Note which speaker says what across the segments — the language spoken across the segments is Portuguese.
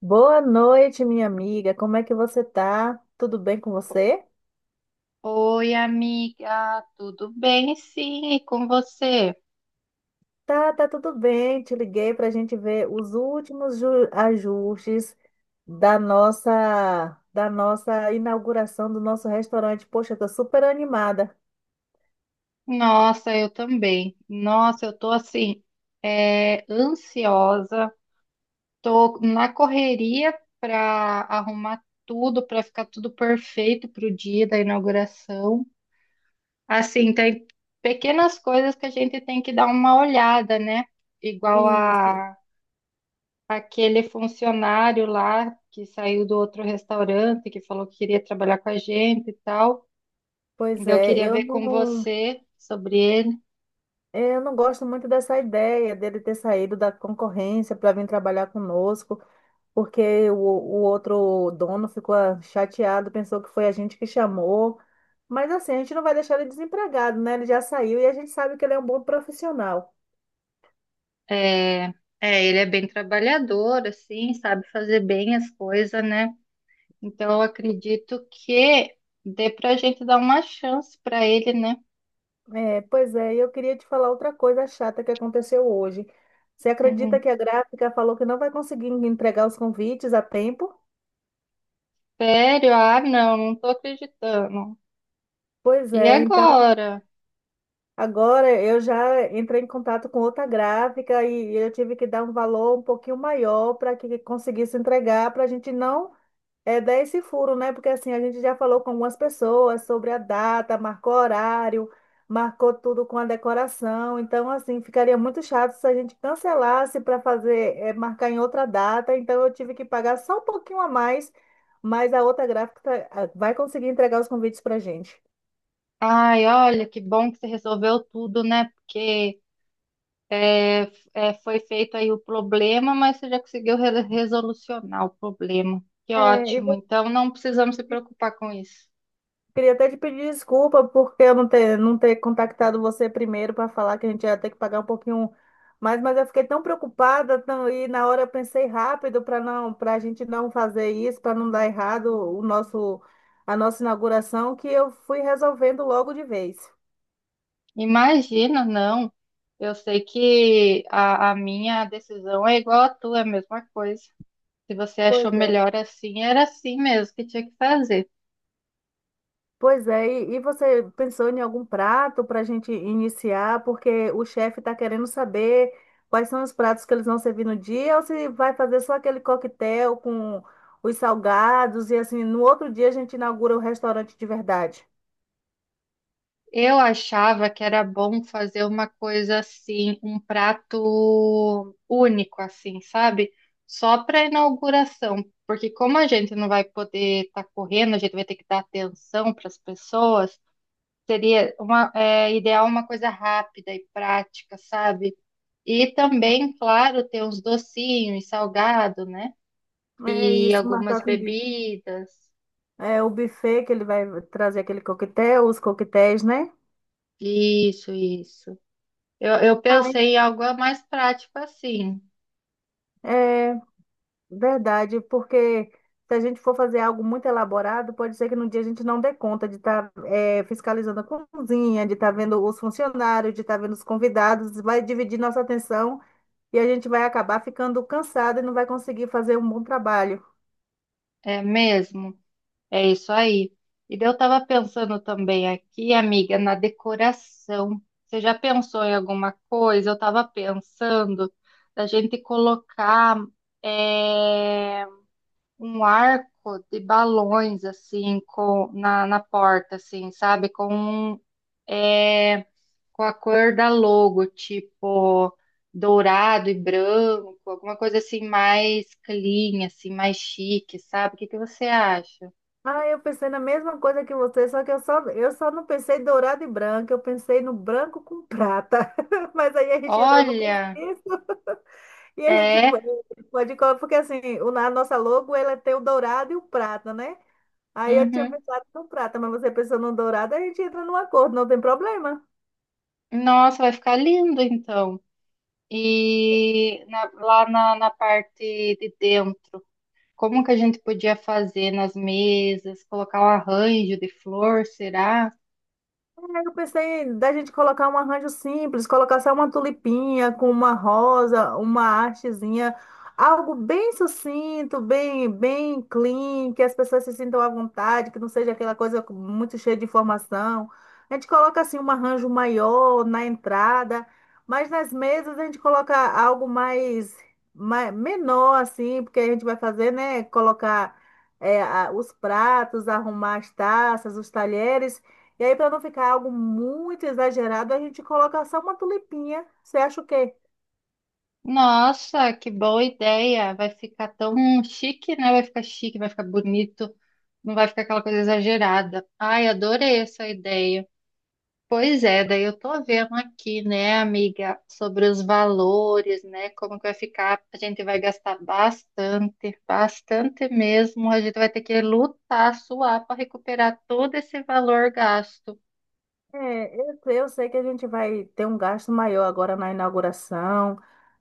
Speaker 1: Boa noite, minha amiga. Como é que você tá? Tudo bem com você?
Speaker 2: Oi, amiga, tudo bem? Sim, e com você?
Speaker 1: Tá, tudo bem. Te liguei para a gente ver os últimos ajustes da nossa inauguração do nosso restaurante. Poxa, eu tô super animada.
Speaker 2: Nossa, eu também. Nossa, eu tô assim, ansiosa, tô na correria para arrumar tudo, para ficar tudo perfeito para o dia da inauguração. Assim, tem pequenas coisas que a gente tem que dar uma olhada, né? Igual
Speaker 1: Isso.
Speaker 2: a aquele funcionário lá que saiu do outro restaurante, que falou que queria trabalhar com a gente e tal.
Speaker 1: Pois
Speaker 2: Então, eu
Speaker 1: é,
Speaker 2: queria ver com você sobre ele.
Speaker 1: eu não gosto muito dessa ideia dele ter saído da concorrência para vir trabalhar conosco, porque o outro dono ficou chateado, pensou que foi a gente que chamou. Mas assim, a gente não vai deixar ele desempregado, né? Ele já saiu e a gente sabe que ele é um bom profissional.
Speaker 2: É, é, ele é bem trabalhador, assim, sabe fazer bem as coisas, né? Então, eu
Speaker 1: E-
Speaker 2: acredito que dê pra gente dar uma chance pra ele, né?
Speaker 1: É, pois é, e eu queria te falar outra coisa chata que aconteceu hoje. Você
Speaker 2: Hum,
Speaker 1: acredita que a gráfica falou que não vai conseguir entregar os convites a tempo?
Speaker 2: sério? Ah, não, não tô acreditando.
Speaker 1: Pois
Speaker 2: E
Speaker 1: é, então
Speaker 2: agora?
Speaker 1: agora eu já entrei em contato com outra gráfica e eu tive que dar um valor um pouquinho maior para que conseguisse entregar, para a gente não dar esse furo, né? Porque assim, a gente já falou com algumas pessoas sobre a data, marcou horário, marcou tudo com a decoração. Então, assim, ficaria muito chato se a gente cancelasse para fazer, marcar em outra data. Então, eu tive que pagar só um pouquinho a mais, mas a outra gráfica vai conseguir entregar os convites para a gente.
Speaker 2: Ai, olha, que bom que você resolveu tudo, né? Porque É, foi feito aí o problema, mas você já conseguiu resolucionar o problema. Que
Speaker 1: É, e
Speaker 2: ótimo.
Speaker 1: você
Speaker 2: Então não precisamos se preocupar com isso.
Speaker 1: Queria até te pedir desculpa porque eu não ter contactado você primeiro para falar que a gente ia ter que pagar um pouquinho mais, mas eu fiquei tão preocupada e na hora eu pensei rápido para a gente não fazer isso, para não dar errado o nosso, a nossa inauguração, que eu fui resolvendo logo de vez.
Speaker 2: Imagina, não. Eu sei que a minha decisão é igual à tua, é a mesma coisa. Se você
Speaker 1: Pois
Speaker 2: achou
Speaker 1: é.
Speaker 2: melhor assim, era assim mesmo que tinha que fazer.
Speaker 1: Pois é, e você pensou em algum prato para a gente iniciar? Porque o chefe está querendo saber quais são os pratos que eles vão servir no dia, ou se vai fazer só aquele coquetel com os salgados, e assim, no outro dia a gente inaugura o restaurante de verdade.
Speaker 2: Eu achava que era bom fazer uma coisa assim, um prato único, assim, sabe? Só para inauguração, porque como a gente não vai poder estar correndo, a gente vai ter que dar atenção para as pessoas, seria uma, é, ideal uma coisa rápida e prática, sabe? E também, claro, ter uns docinhos, salgado, né?
Speaker 1: É
Speaker 2: E
Speaker 1: isso,
Speaker 2: algumas
Speaker 1: marcar com o
Speaker 2: bebidas.
Speaker 1: o buffet que ele vai trazer aquele coquetel, os coquetéis, né?
Speaker 2: Isso, isso. Eu pensei em algo mais prático assim.
Speaker 1: Ai. Verdade, porque se a gente for fazer algo muito elaborado, pode ser que no dia a gente não dê conta de estar fiscalizando a cozinha, de estar vendo os funcionários, de estar vendo os convidados, vai dividir nossa atenção e a gente vai acabar ficando cansado e não vai conseguir fazer um bom trabalho.
Speaker 2: É mesmo, é isso aí. E daí eu estava pensando também aqui, amiga, na decoração. Você já pensou em alguma coisa? Eu estava pensando da gente colocar é, um arco de balões assim com, na porta, assim, sabe? Com, um, é, com a cor da logo, tipo dourado e branco, alguma coisa assim mais clean, assim, mais chique, sabe? O que que você acha?
Speaker 1: Ah, eu pensei na mesma coisa que você, só que eu só não pensei em dourado e branco, eu pensei no branco com prata. Mas aí a gente entra no
Speaker 2: Olha,
Speaker 1: consenso. E a gente
Speaker 2: é,
Speaker 1: pode colocar, porque assim, a nossa logo ela tem o dourado e o prata, né? Aí eu tinha
Speaker 2: uhum.
Speaker 1: pensado no prata, mas você pensou no dourado, a gente entra num acordo, não tem problema.
Speaker 2: Nossa, vai ficar lindo então. E na- lá na, na parte de dentro, como que a gente podia fazer nas mesas, colocar um arranjo de flor, será?
Speaker 1: Aí eu pensei da gente colocar um arranjo simples, colocar só uma tulipinha com uma rosa, uma hastezinha, algo bem sucinto, bem clean, que as pessoas se sintam à vontade, que não seja aquela coisa muito cheia de informação. A gente coloca assim um arranjo maior na entrada, mas nas mesas a gente coloca mais menor assim, porque a gente vai fazer, né? Colocar os pratos, arrumar as taças, os talheres. E aí, para não ficar algo muito exagerado, a gente coloca só uma tulipinha. Você acha o quê?
Speaker 2: Nossa, que boa ideia! Vai ficar tão chique, né? Vai ficar chique, vai ficar bonito, não vai ficar aquela coisa exagerada. Ai, adorei essa ideia. Pois é, daí eu tô vendo aqui, né, amiga, sobre os valores, né, como que vai ficar, a gente vai gastar bastante, bastante mesmo, a gente vai ter que lutar, suar para recuperar todo esse valor gasto.
Speaker 1: É, eu sei que a gente vai ter um gasto maior agora na inauguração,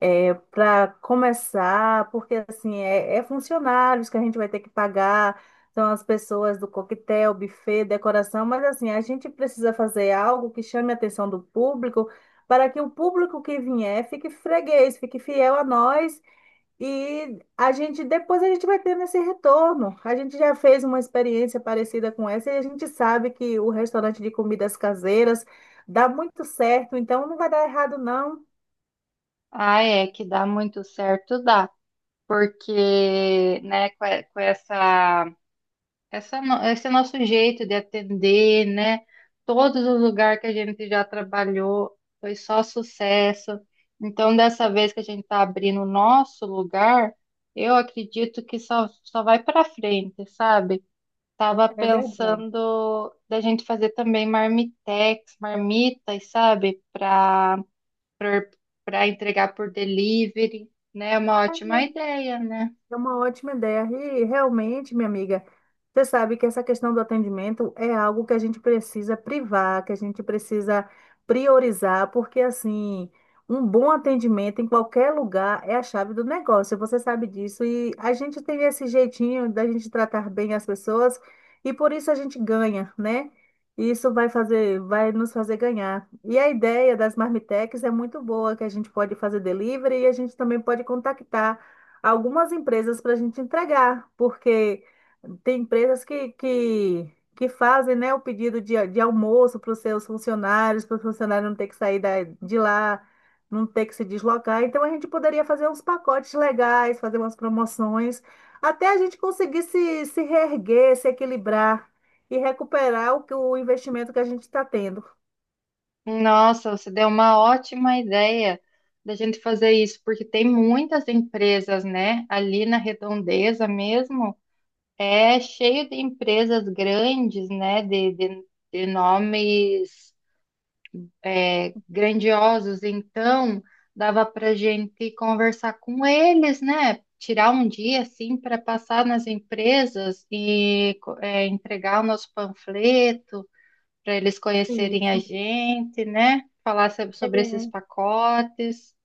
Speaker 1: para começar, porque assim, é funcionários que a gente vai ter que pagar, são as pessoas do coquetel, buffet, decoração, mas assim, a gente precisa fazer algo que chame a atenção do público, para que o público que vier fique freguês, fique fiel a nós. E a gente vai tendo esse retorno. A gente já fez uma experiência parecida com essa e a gente sabe que o restaurante de comidas caseiras dá muito certo, então não vai dar errado, não.
Speaker 2: Ah, é, que dá muito certo, dá, porque, né, com com essa esse é nosso jeito de atender, né? Todos os lugares que a gente já trabalhou foi só sucesso. Então, dessa vez que a gente está abrindo o nosso lugar, eu acredito que só vai para frente, sabe? Tava
Speaker 1: É verdade.
Speaker 2: pensando da gente fazer também marmitex, marmitas, sabe? Para entregar por delivery, né? É uma ótima ideia, né?
Speaker 1: É uma ótima ideia. E realmente, minha amiga, você sabe que essa questão do atendimento é algo que a gente precisa priorizar, porque assim, um bom atendimento em qualquer lugar é a chave do negócio. Você sabe disso. E a gente tem esse jeitinho da gente tratar bem as pessoas e por isso a gente ganha, né? Vai nos fazer ganhar. E a ideia das marmitex é muito boa, que a gente pode fazer delivery e a gente também pode contactar algumas empresas para a gente entregar, porque tem empresas que fazem, né, o pedido de almoço para os seus funcionários, para o funcionário não ter que sair de lá, não ter que se deslocar. Então a gente poderia fazer uns pacotes legais, fazer umas promoções, até a gente conseguir se reerguer, se equilibrar e recuperar o investimento que a gente está tendo.
Speaker 2: Nossa, você deu uma ótima ideia da gente fazer isso, porque tem muitas empresas, né? Ali na Redondeza mesmo, é cheio de empresas grandes, né? De nomes é, grandiosos. Então, dava para gente conversar com eles, né? Tirar um dia assim para passar nas empresas e é, entregar o nosso panfleto para eles conhecerem a
Speaker 1: Isso.
Speaker 2: gente, né? Falar sobre esses pacotes.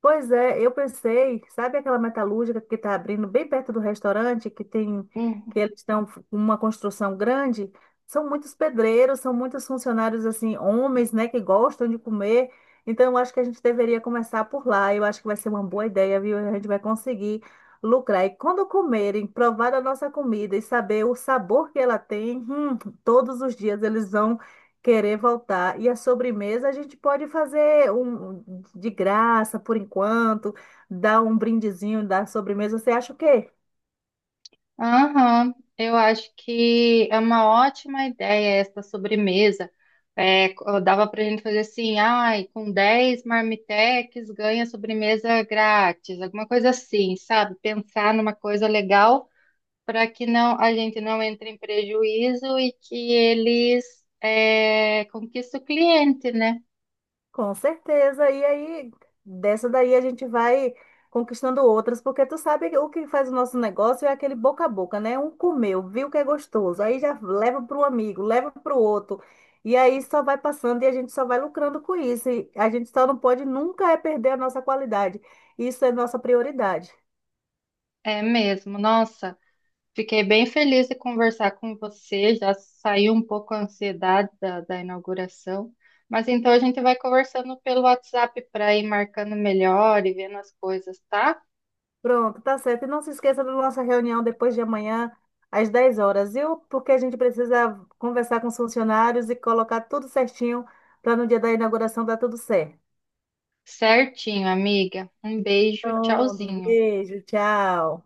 Speaker 1: Pois é, eu pensei, sabe aquela metalúrgica que está abrindo bem perto do restaurante, que
Speaker 2: Uhum.
Speaker 1: eles estão com uma construção grande? São muitos pedreiros, são muitos funcionários, assim, homens, né, que gostam de comer. Então, eu acho que a gente deveria começar por lá. Eu acho que vai ser uma boa ideia, viu? A gente vai conseguir lucrar. E quando comerem, provar a nossa comida e saber o sabor que ela tem, todos os dias eles vão. Querer voltar. E a sobremesa a gente pode fazer um de graça por enquanto, dar um brindezinho da sobremesa. Você acha o quê?
Speaker 2: Aham, eu acho que é uma ótima ideia essa sobremesa. É, co- dava para a gente fazer assim, ai, com 10 marmitex ganha sobremesa grátis, alguma coisa assim, sabe? Pensar numa coisa legal para que a gente não entre em prejuízo e que eles é, conquistem o cliente, né?
Speaker 1: Com certeza. E aí, dessa daí a gente vai conquistando outras, porque tu sabe que o que faz o nosso negócio é aquele boca a boca, né? Um comeu, viu que é gostoso, aí já leva para o amigo, leva para o outro. E aí só vai passando e a gente só vai lucrando com isso. E a gente só não pode nunca é perder a nossa qualidade. Isso é nossa prioridade.
Speaker 2: É mesmo, nossa. Fiquei bem feliz de conversar com você, já saiu um pouco a ansiedade da inauguração, mas então a gente vai conversando pelo WhatsApp para ir marcando melhor e vendo as coisas, tá?
Speaker 1: Pronto, tá certo. E não se esqueça da nossa reunião depois de amanhã, às 10 horas, viu? Porque a gente precisa conversar com os funcionários e colocar tudo certinho para no dia da inauguração dar tudo certo.
Speaker 2: Certinho, amiga. Um beijo,
Speaker 1: Pronto,
Speaker 2: tchauzinho.
Speaker 1: beijo, tchau.